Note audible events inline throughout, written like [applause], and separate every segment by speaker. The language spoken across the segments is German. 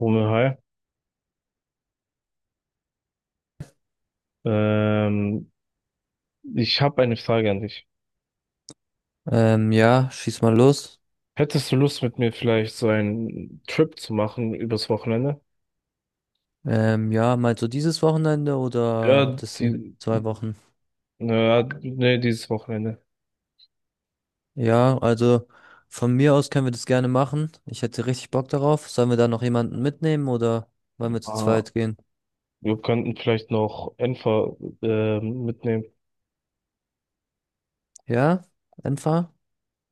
Speaker 1: Romeo, hi. Ähm, Ich habe eine Frage an dich.
Speaker 2: Ja, schieß mal los.
Speaker 1: Hättest du Lust, mit mir vielleicht so einen Trip zu machen übers Wochenende?
Speaker 2: Ja, meinst du dieses Wochenende oder
Speaker 1: Ja,
Speaker 2: das sind
Speaker 1: die,
Speaker 2: zwei Wochen?
Speaker 1: naja, nee, dieses Wochenende.
Speaker 2: Ja, also von mir aus können wir das gerne machen. Ich hätte richtig Bock darauf. Sollen wir da noch jemanden mitnehmen oder wollen wir zu
Speaker 1: Ah,
Speaker 2: zweit gehen?
Speaker 1: wir könnten vielleicht noch Enfer mitnehmen.
Speaker 2: Ja, einfach.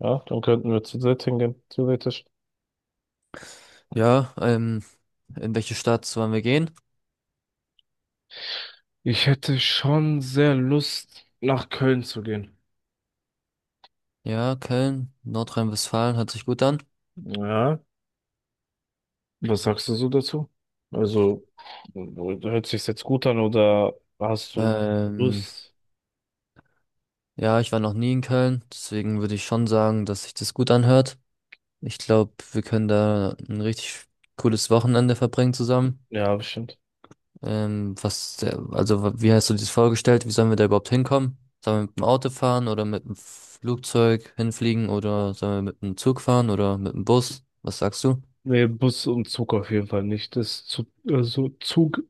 Speaker 1: Ja, dann könnten wir zu dritt hingehen, theoretisch.
Speaker 2: Ja, in welche Stadt sollen wir gehen?
Speaker 1: Ich hätte schon sehr Lust, nach Köln zu gehen.
Speaker 2: Ja, Köln, Nordrhein-Westfalen, hört sich gut an.
Speaker 1: Ja, was sagst du so dazu? Also, hört sich jetzt gut an oder hast du
Speaker 2: Ähm,
Speaker 1: Lust?
Speaker 2: ja, ich war noch nie in Köln, deswegen würde ich schon sagen, dass sich das gut anhört. Ich glaube, wir können da ein richtig cooles Wochenende verbringen zusammen.
Speaker 1: Ja, bestimmt.
Speaker 2: Was, der- also wa- Wie hast du dir das vorgestellt? Wie sollen wir da überhaupt hinkommen? Sollen wir mit dem Auto fahren oder mit dem Flugzeug hinfliegen oder sollen wir mit dem Zug fahren oder mit dem Bus? Was sagst du?
Speaker 1: Nee, Bus und Zug auf jeden Fall nicht. Das ist zu, also Zug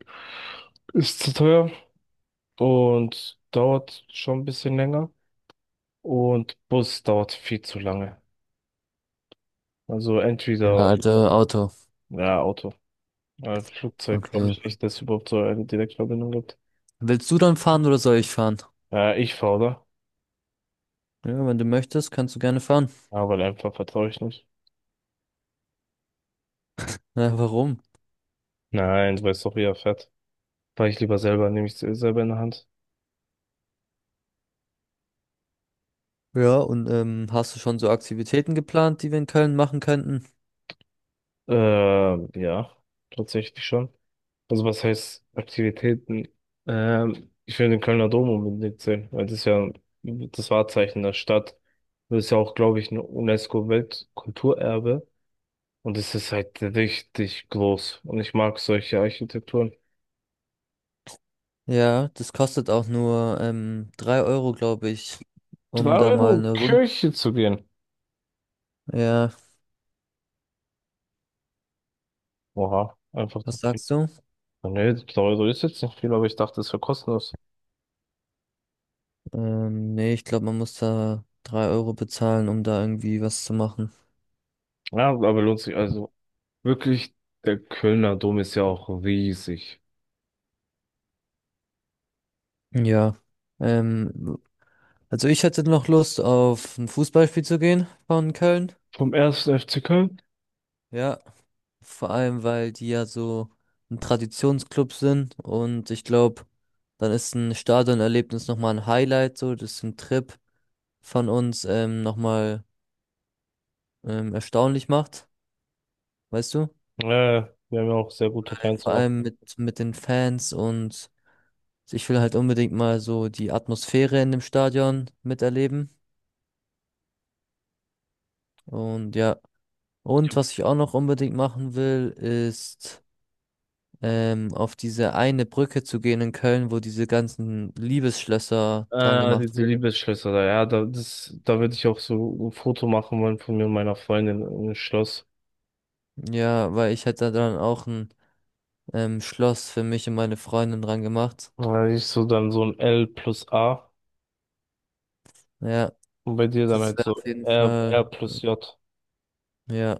Speaker 1: ist zu teuer und dauert schon ein bisschen länger. Und Bus dauert viel zu lange. Also
Speaker 2: Ja,
Speaker 1: entweder,
Speaker 2: Alter, Auto.
Speaker 1: ja, Auto. Ja, Flugzeug glaube
Speaker 2: Okay.
Speaker 1: ich nicht, dass es überhaupt so eine Direktverbindung gibt.
Speaker 2: Willst du dann fahren oder soll ich fahren?
Speaker 1: Ja, ich fahre da.
Speaker 2: Ja, wenn du möchtest, kannst du gerne fahren.
Speaker 1: Aber einfach vertraue ich nicht.
Speaker 2: Ja, warum?
Speaker 1: Nein, du weißt doch, wie er fährt. Fahr ich lieber selber, nehme ich selber in der Hand.
Speaker 2: Ja, und hast du schon so Aktivitäten geplant, die wir in Köln machen könnten?
Speaker 1: Ja, tatsächlich schon. Also was heißt Aktivitäten? Ich will den Kölner Dom unbedingt sehen, weil das ist ja das Wahrzeichen der Stadt. Das ist ja auch, glaube ich, ein UNESCO-Weltkulturerbe. Und es ist halt richtig groß. Und ich mag solche Architekturen.
Speaker 2: Ja, das kostet auch nur 3 Euro, glaube ich,
Speaker 1: 3
Speaker 2: um da mal
Speaker 1: Euro
Speaker 2: eine Runde.
Speaker 1: Kirche zu gehen.
Speaker 2: Ja,
Speaker 1: Oha, einfach so
Speaker 2: was
Speaker 1: viel.
Speaker 2: sagst du?
Speaker 1: Nee, 3 Euro ist jetzt nicht viel, aber ich dachte, es wäre kostenlos.
Speaker 2: Nee, ich glaube, man muss da 3 Euro bezahlen, um da irgendwie was zu machen.
Speaker 1: Ja, aber lohnt sich. Also wirklich, der Kölner Dom ist ja auch riesig.
Speaker 2: Ja. Ähm, also ich hätte noch Lust auf ein Fußballspiel zu gehen von Köln.
Speaker 1: Vom ersten FC Köln.
Speaker 2: Ja, vor allem, weil die ja so ein Traditionsclub sind und ich glaube, dann ist ein Stadionerlebnis nochmal ein Highlight, so, das ist ein Trip von uns nochmal erstaunlich macht, weißt du?
Speaker 1: Äh, Wir haben ja auch sehr gute Fans
Speaker 2: Vor
Speaker 1: auch.
Speaker 2: allem mit den Fans und ich will halt unbedingt mal so die Atmosphäre in dem Stadion miterleben. Und ja, und was ich auch noch unbedingt machen will, ist auf diese eine Brücke zu gehen in Köln, wo diese ganzen Liebesschlösser dran gemacht
Speaker 1: Diese
Speaker 2: wurden.
Speaker 1: Liebesschlösser da, ja, da, das, da würde ich auch so ein Foto machen wollen von mir und meiner Freundin im Schloss.
Speaker 2: Ja, weil ich hätte dann auch ein Schloss für mich und meine Freundin dran gemacht.
Speaker 1: Ich so dann so ein L+A
Speaker 2: Ja,
Speaker 1: und bei dir dann
Speaker 2: das
Speaker 1: halt
Speaker 2: wäre
Speaker 1: so
Speaker 2: auf jeden
Speaker 1: R,
Speaker 2: Fall,
Speaker 1: R plus J.
Speaker 2: ja.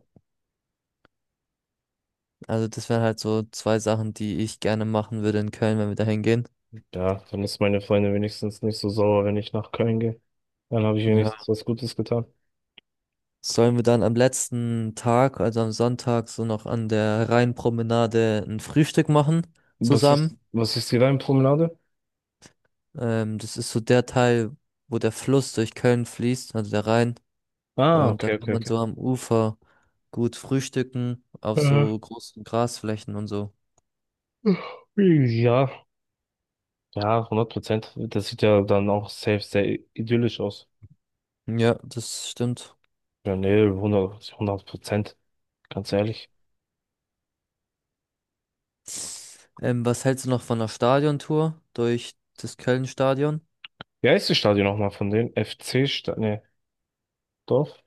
Speaker 2: Also das wären halt so zwei Sachen, die ich gerne machen würde in Köln, wenn wir da hingehen.
Speaker 1: Ja, dann ist meine Freundin wenigstens nicht so sauer, wenn ich nach Köln gehe. Dann habe ich wenigstens
Speaker 2: Ja.
Speaker 1: was Gutes getan.
Speaker 2: Sollen wir dann am letzten Tag, also am Sonntag, so noch an der Rheinpromenade ein Frühstück machen
Speaker 1: Was ist,
Speaker 2: zusammen?
Speaker 1: was ist die Leimpromenade?
Speaker 2: Das ist so der Teil, wo der Fluss durch Köln fließt, also der Rhein.
Speaker 1: Ah,
Speaker 2: Und da
Speaker 1: okay,
Speaker 2: kann
Speaker 1: okay,
Speaker 2: man
Speaker 1: okay.
Speaker 2: so am Ufer gut frühstücken, auf
Speaker 1: Äh,
Speaker 2: so großen Grasflächen und so.
Speaker 1: ja, ja, 100%. Das sieht ja dann auch safe sehr idyllisch aus.
Speaker 2: Ja, das stimmt.
Speaker 1: Ja, nee, hundert Prozent, ganz ehrlich.
Speaker 2: Was hältst du noch von einer Stadiontour durch das Köln-Stadion?
Speaker 1: Wie heißt das Stadion nochmal von denen? FC-Stadion, nee, Dorf?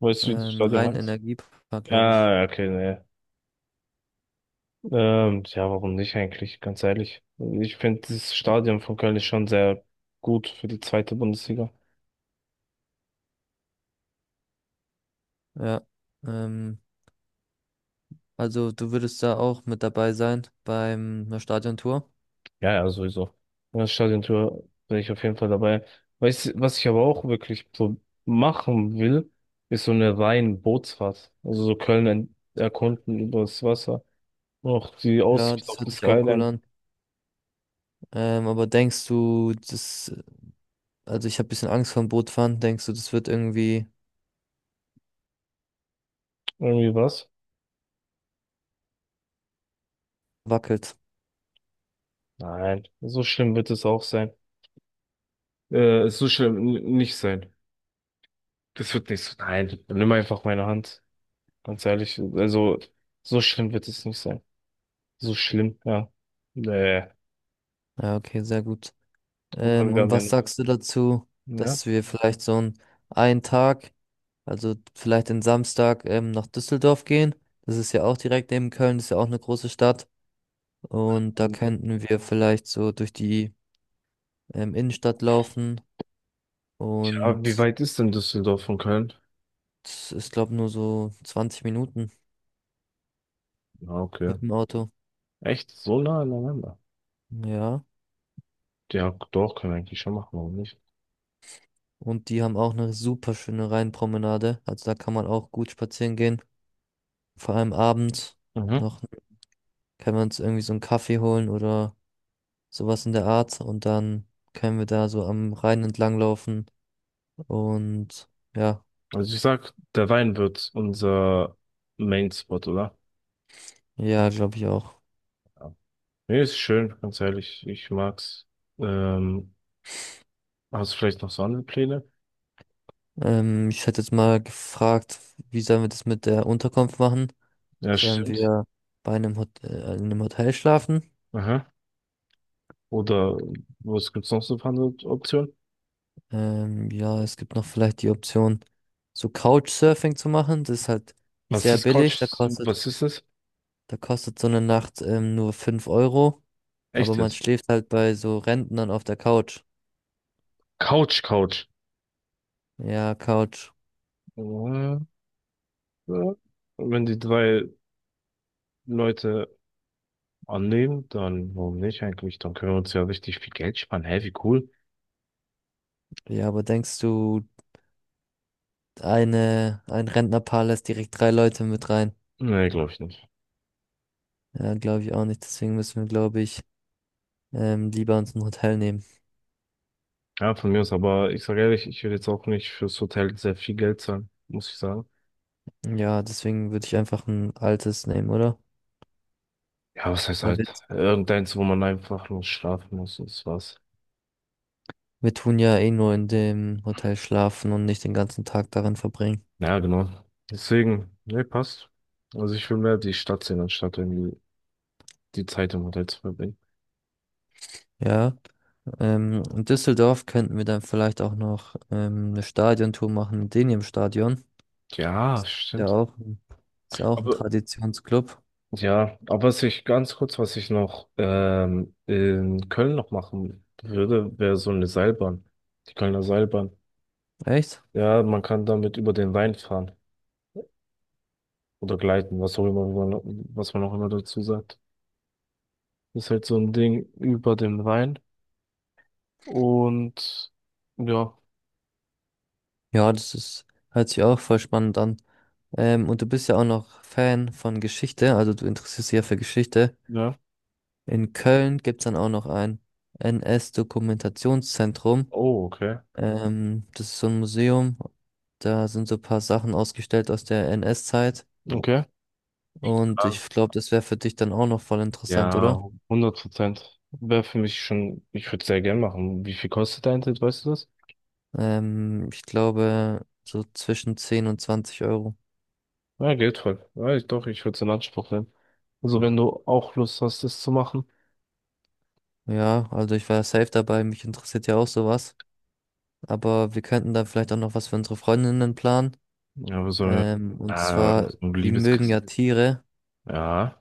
Speaker 1: Weißt du, wie das Stadion
Speaker 2: Rein
Speaker 1: heißt?
Speaker 2: Energiepark, glaube ich.
Speaker 1: Ja, ja, okay, ne. Ja, warum nicht eigentlich, ganz ehrlich. Ich finde, das Stadion von Köln ist schon sehr gut für die zweite Bundesliga.
Speaker 2: Ja. Ähm, also du würdest da auch mit dabei sein beim einer Stadiontour.
Speaker 1: Ja, ja, sowieso. Und das Stadiontour bin ich auf jeden Fall dabei. Weißt, du, was ich aber auch wirklich so machen will, ist so eine rein Bootsfahrt. Also so Köln erkunden übers Wasser. Und auch die
Speaker 2: Ja,
Speaker 1: Aussicht
Speaker 2: das
Speaker 1: auf die
Speaker 2: hört sich auch cool
Speaker 1: Skyline.
Speaker 2: an. Aber denkst du, das, also ich habe ein bisschen Angst vorm Bootfahren, denkst du, das wird irgendwie
Speaker 1: Irgendwie was?
Speaker 2: wackelt?
Speaker 1: Nein, so schlimm wird es auch sein. So schlimm nicht sein. Das wird nicht so. Nein, nimm einfach meine Hand. Ganz ehrlich, also so schlimm wird es nicht sein. So schlimm, ja. Nee,
Speaker 2: Ja, okay, sehr gut.
Speaker 1: guck wir
Speaker 2: Und
Speaker 1: haben ja
Speaker 2: was
Speaker 1: noch.
Speaker 2: sagst du dazu,
Speaker 1: Ja.
Speaker 2: dass wir vielleicht so einen Tag, also vielleicht den Samstag nach Düsseldorf gehen? Das ist ja auch direkt neben Köln, das ist ja auch eine große Stadt. Und da
Speaker 1: Ähm,
Speaker 2: könnten wir vielleicht so durch die Innenstadt laufen.
Speaker 1: Ja, wie
Speaker 2: Und
Speaker 1: weit ist denn Düsseldorf von Köln?
Speaker 2: es ist, glaube nur so 20 Minuten
Speaker 1: Ja, okay.
Speaker 2: mit dem Auto.
Speaker 1: Echt? So nah aneinander?
Speaker 2: Ja.
Speaker 1: Ja, doch, können wir eigentlich schon machen, warum nicht?
Speaker 2: Und die haben auch eine super schöne Rheinpromenade. Also da kann man auch gut spazieren gehen. Vor allem abends
Speaker 1: Mhm.
Speaker 2: noch können wir uns irgendwie so einen Kaffee holen oder sowas in der Art. Und dann können wir da so am Rhein entlang laufen. Und ja,
Speaker 1: Also ich sag, der Wein wird unser Main-Spot, oder?
Speaker 2: ja, glaube ich auch.
Speaker 1: Ja. Nee, ist schön, ganz ehrlich. Ich mag's. Ähm, Hast du vielleicht noch so andere Pläne?
Speaker 2: Ich hätte jetzt mal gefragt, wie sollen wir das mit der Unterkunft machen?
Speaker 1: Ja,
Speaker 2: Sollen
Speaker 1: stimmt.
Speaker 2: wir bei einem Hot in einem Hotel schlafen?
Speaker 1: Aha. Oder was gibt's noch so für andere Optionen?
Speaker 2: Ja, es gibt noch vielleicht die Option, so Couchsurfing zu machen. Das ist halt
Speaker 1: Was
Speaker 2: sehr
Speaker 1: ist Couch?
Speaker 2: billig.
Speaker 1: Was ist das?
Speaker 2: Da kostet so eine Nacht nur 5 Euro.
Speaker 1: Echt
Speaker 2: Aber man
Speaker 1: jetzt?
Speaker 2: schläft halt bei so Rentnern auf der Couch.
Speaker 1: Couch, Couch.
Speaker 2: Ja, Couch.
Speaker 1: Ja, ja. Wenn die drei Leute annehmen, dann warum nicht eigentlich? Dann können wir uns ja richtig viel Geld sparen. Hä, wie cool?
Speaker 2: Ja, aber denkst du, ein Rentnerpaar lässt direkt drei Leute mit rein?
Speaker 1: Nee, glaube ich nicht.
Speaker 2: Ja, glaube ich auch nicht. Deswegen müssen wir, glaube ich, lieber uns ein Hotel nehmen.
Speaker 1: Ja, von mir aus, aber ich sage ehrlich, ich will jetzt auch nicht fürs Hotel sehr viel Geld zahlen, muss ich sagen.
Speaker 2: Ja, deswegen würde ich einfach ein altes nehmen, oder?
Speaker 1: Ja, was heißt
Speaker 2: Weil wir
Speaker 1: halt? Irgendeins, wo man einfach nur schlafen muss und das war's.
Speaker 2: Wir tun ja eh nur in dem Hotel schlafen und nicht den ganzen Tag darin verbringen.
Speaker 1: Ja, genau. Deswegen, ne, passt. Also ich will mehr die Stadt sehen, anstatt irgendwie die Zeit im Hotel zu verbringen.
Speaker 2: Ja, in Düsseldorf könnten wir dann vielleicht auch noch eine Stadiontour machen mit denen im Stadion.
Speaker 1: Ja,
Speaker 2: Ja,
Speaker 1: stimmt.
Speaker 2: auch, ist ja auch ein
Speaker 1: Aber
Speaker 2: Traditionsclub.
Speaker 1: ja, aber was ich noch in Köln noch machen würde, wäre so eine Seilbahn. Die Kölner Seilbahn.
Speaker 2: Echt?
Speaker 1: Ja, man kann damit über den Rhein fahren oder gleiten, was auch immer, was man auch immer dazu sagt. Ist halt so ein Ding über dem Rhein. Und ja,
Speaker 2: Ja, das ist, hört sich auch voll spannend an. Und du bist ja auch noch Fan von Geschichte, also du interessierst dich ja für Geschichte.
Speaker 1: ja.
Speaker 2: In Köln gibt's dann auch noch ein NS-Dokumentationszentrum.
Speaker 1: Oh, okay,
Speaker 2: Das ist so ein Museum. Da sind so ein paar Sachen ausgestellt aus der NS-Zeit.
Speaker 1: okay.
Speaker 2: Und
Speaker 1: Ja,
Speaker 2: ich glaube, das wäre für dich dann auch noch voll interessant, oder?
Speaker 1: ja, hundert Prozent. Wäre für mich schon, ich würde sehr gern machen. Wie viel kostet dein Ticket, weißt du das?
Speaker 2: Ich glaube, so zwischen 10 und 20 Euro.
Speaker 1: Ja, geht voll. Ja, ich, doch, ich würde es in Anspruch nehmen. Also wenn du auch Lust hast, das zu machen.
Speaker 2: Ja, also ich war safe dabei. Mich interessiert ja auch sowas. Aber wir könnten dann vielleicht auch noch was für unsere Freundinnen planen.
Speaker 1: Ja, aber so so
Speaker 2: Und zwar,
Speaker 1: ein
Speaker 2: die mögen
Speaker 1: Liebeskuss.
Speaker 2: ja Tiere.
Speaker 1: Ja.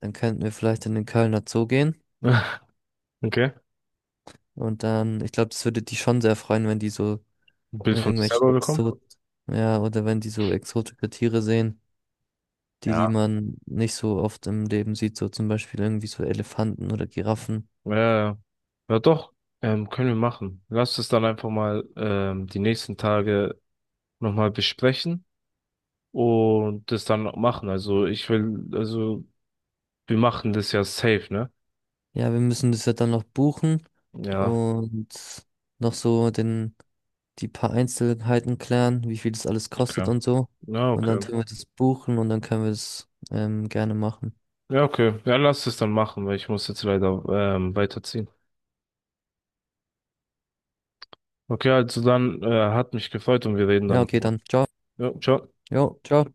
Speaker 2: Dann könnten wir vielleicht in den Kölner Zoo gehen.
Speaker 1: [laughs] Okay.
Speaker 2: Und dann, ich glaube, das würde die schon sehr freuen, wenn die so
Speaker 1: Ein Bild von sich
Speaker 2: irgendwelche
Speaker 1: selber bekommen?
Speaker 2: Exot, ja, oder wenn die so exotische Tiere sehen, die
Speaker 1: Ja.
Speaker 2: man nicht so oft im Leben sieht, so zum Beispiel irgendwie so Elefanten oder Giraffen.
Speaker 1: Ja, ja doch, können wir machen. Lass es dann einfach mal die nächsten Tage nochmal besprechen. Und das dann machen. Also ich will, also wir machen das ja safe, ne?
Speaker 2: Ja, wir müssen das ja dann noch buchen
Speaker 1: Ja,
Speaker 2: und noch so den, die paar Einzelheiten klären, wie viel das alles kostet
Speaker 1: okay.
Speaker 2: und so.
Speaker 1: Ja,
Speaker 2: Und dann
Speaker 1: okay.
Speaker 2: tun wir das buchen und dann können wir das gerne machen.
Speaker 1: Ja, okay. Ja, lass es dann machen, weil ich muss jetzt leider weiterziehen. Okay, also dann hat mich gefreut und wir reden
Speaker 2: Ja,
Speaker 1: dann
Speaker 2: okay,
Speaker 1: nochmal.
Speaker 2: dann. Ciao.
Speaker 1: Ja, ciao.
Speaker 2: Jo, ciao.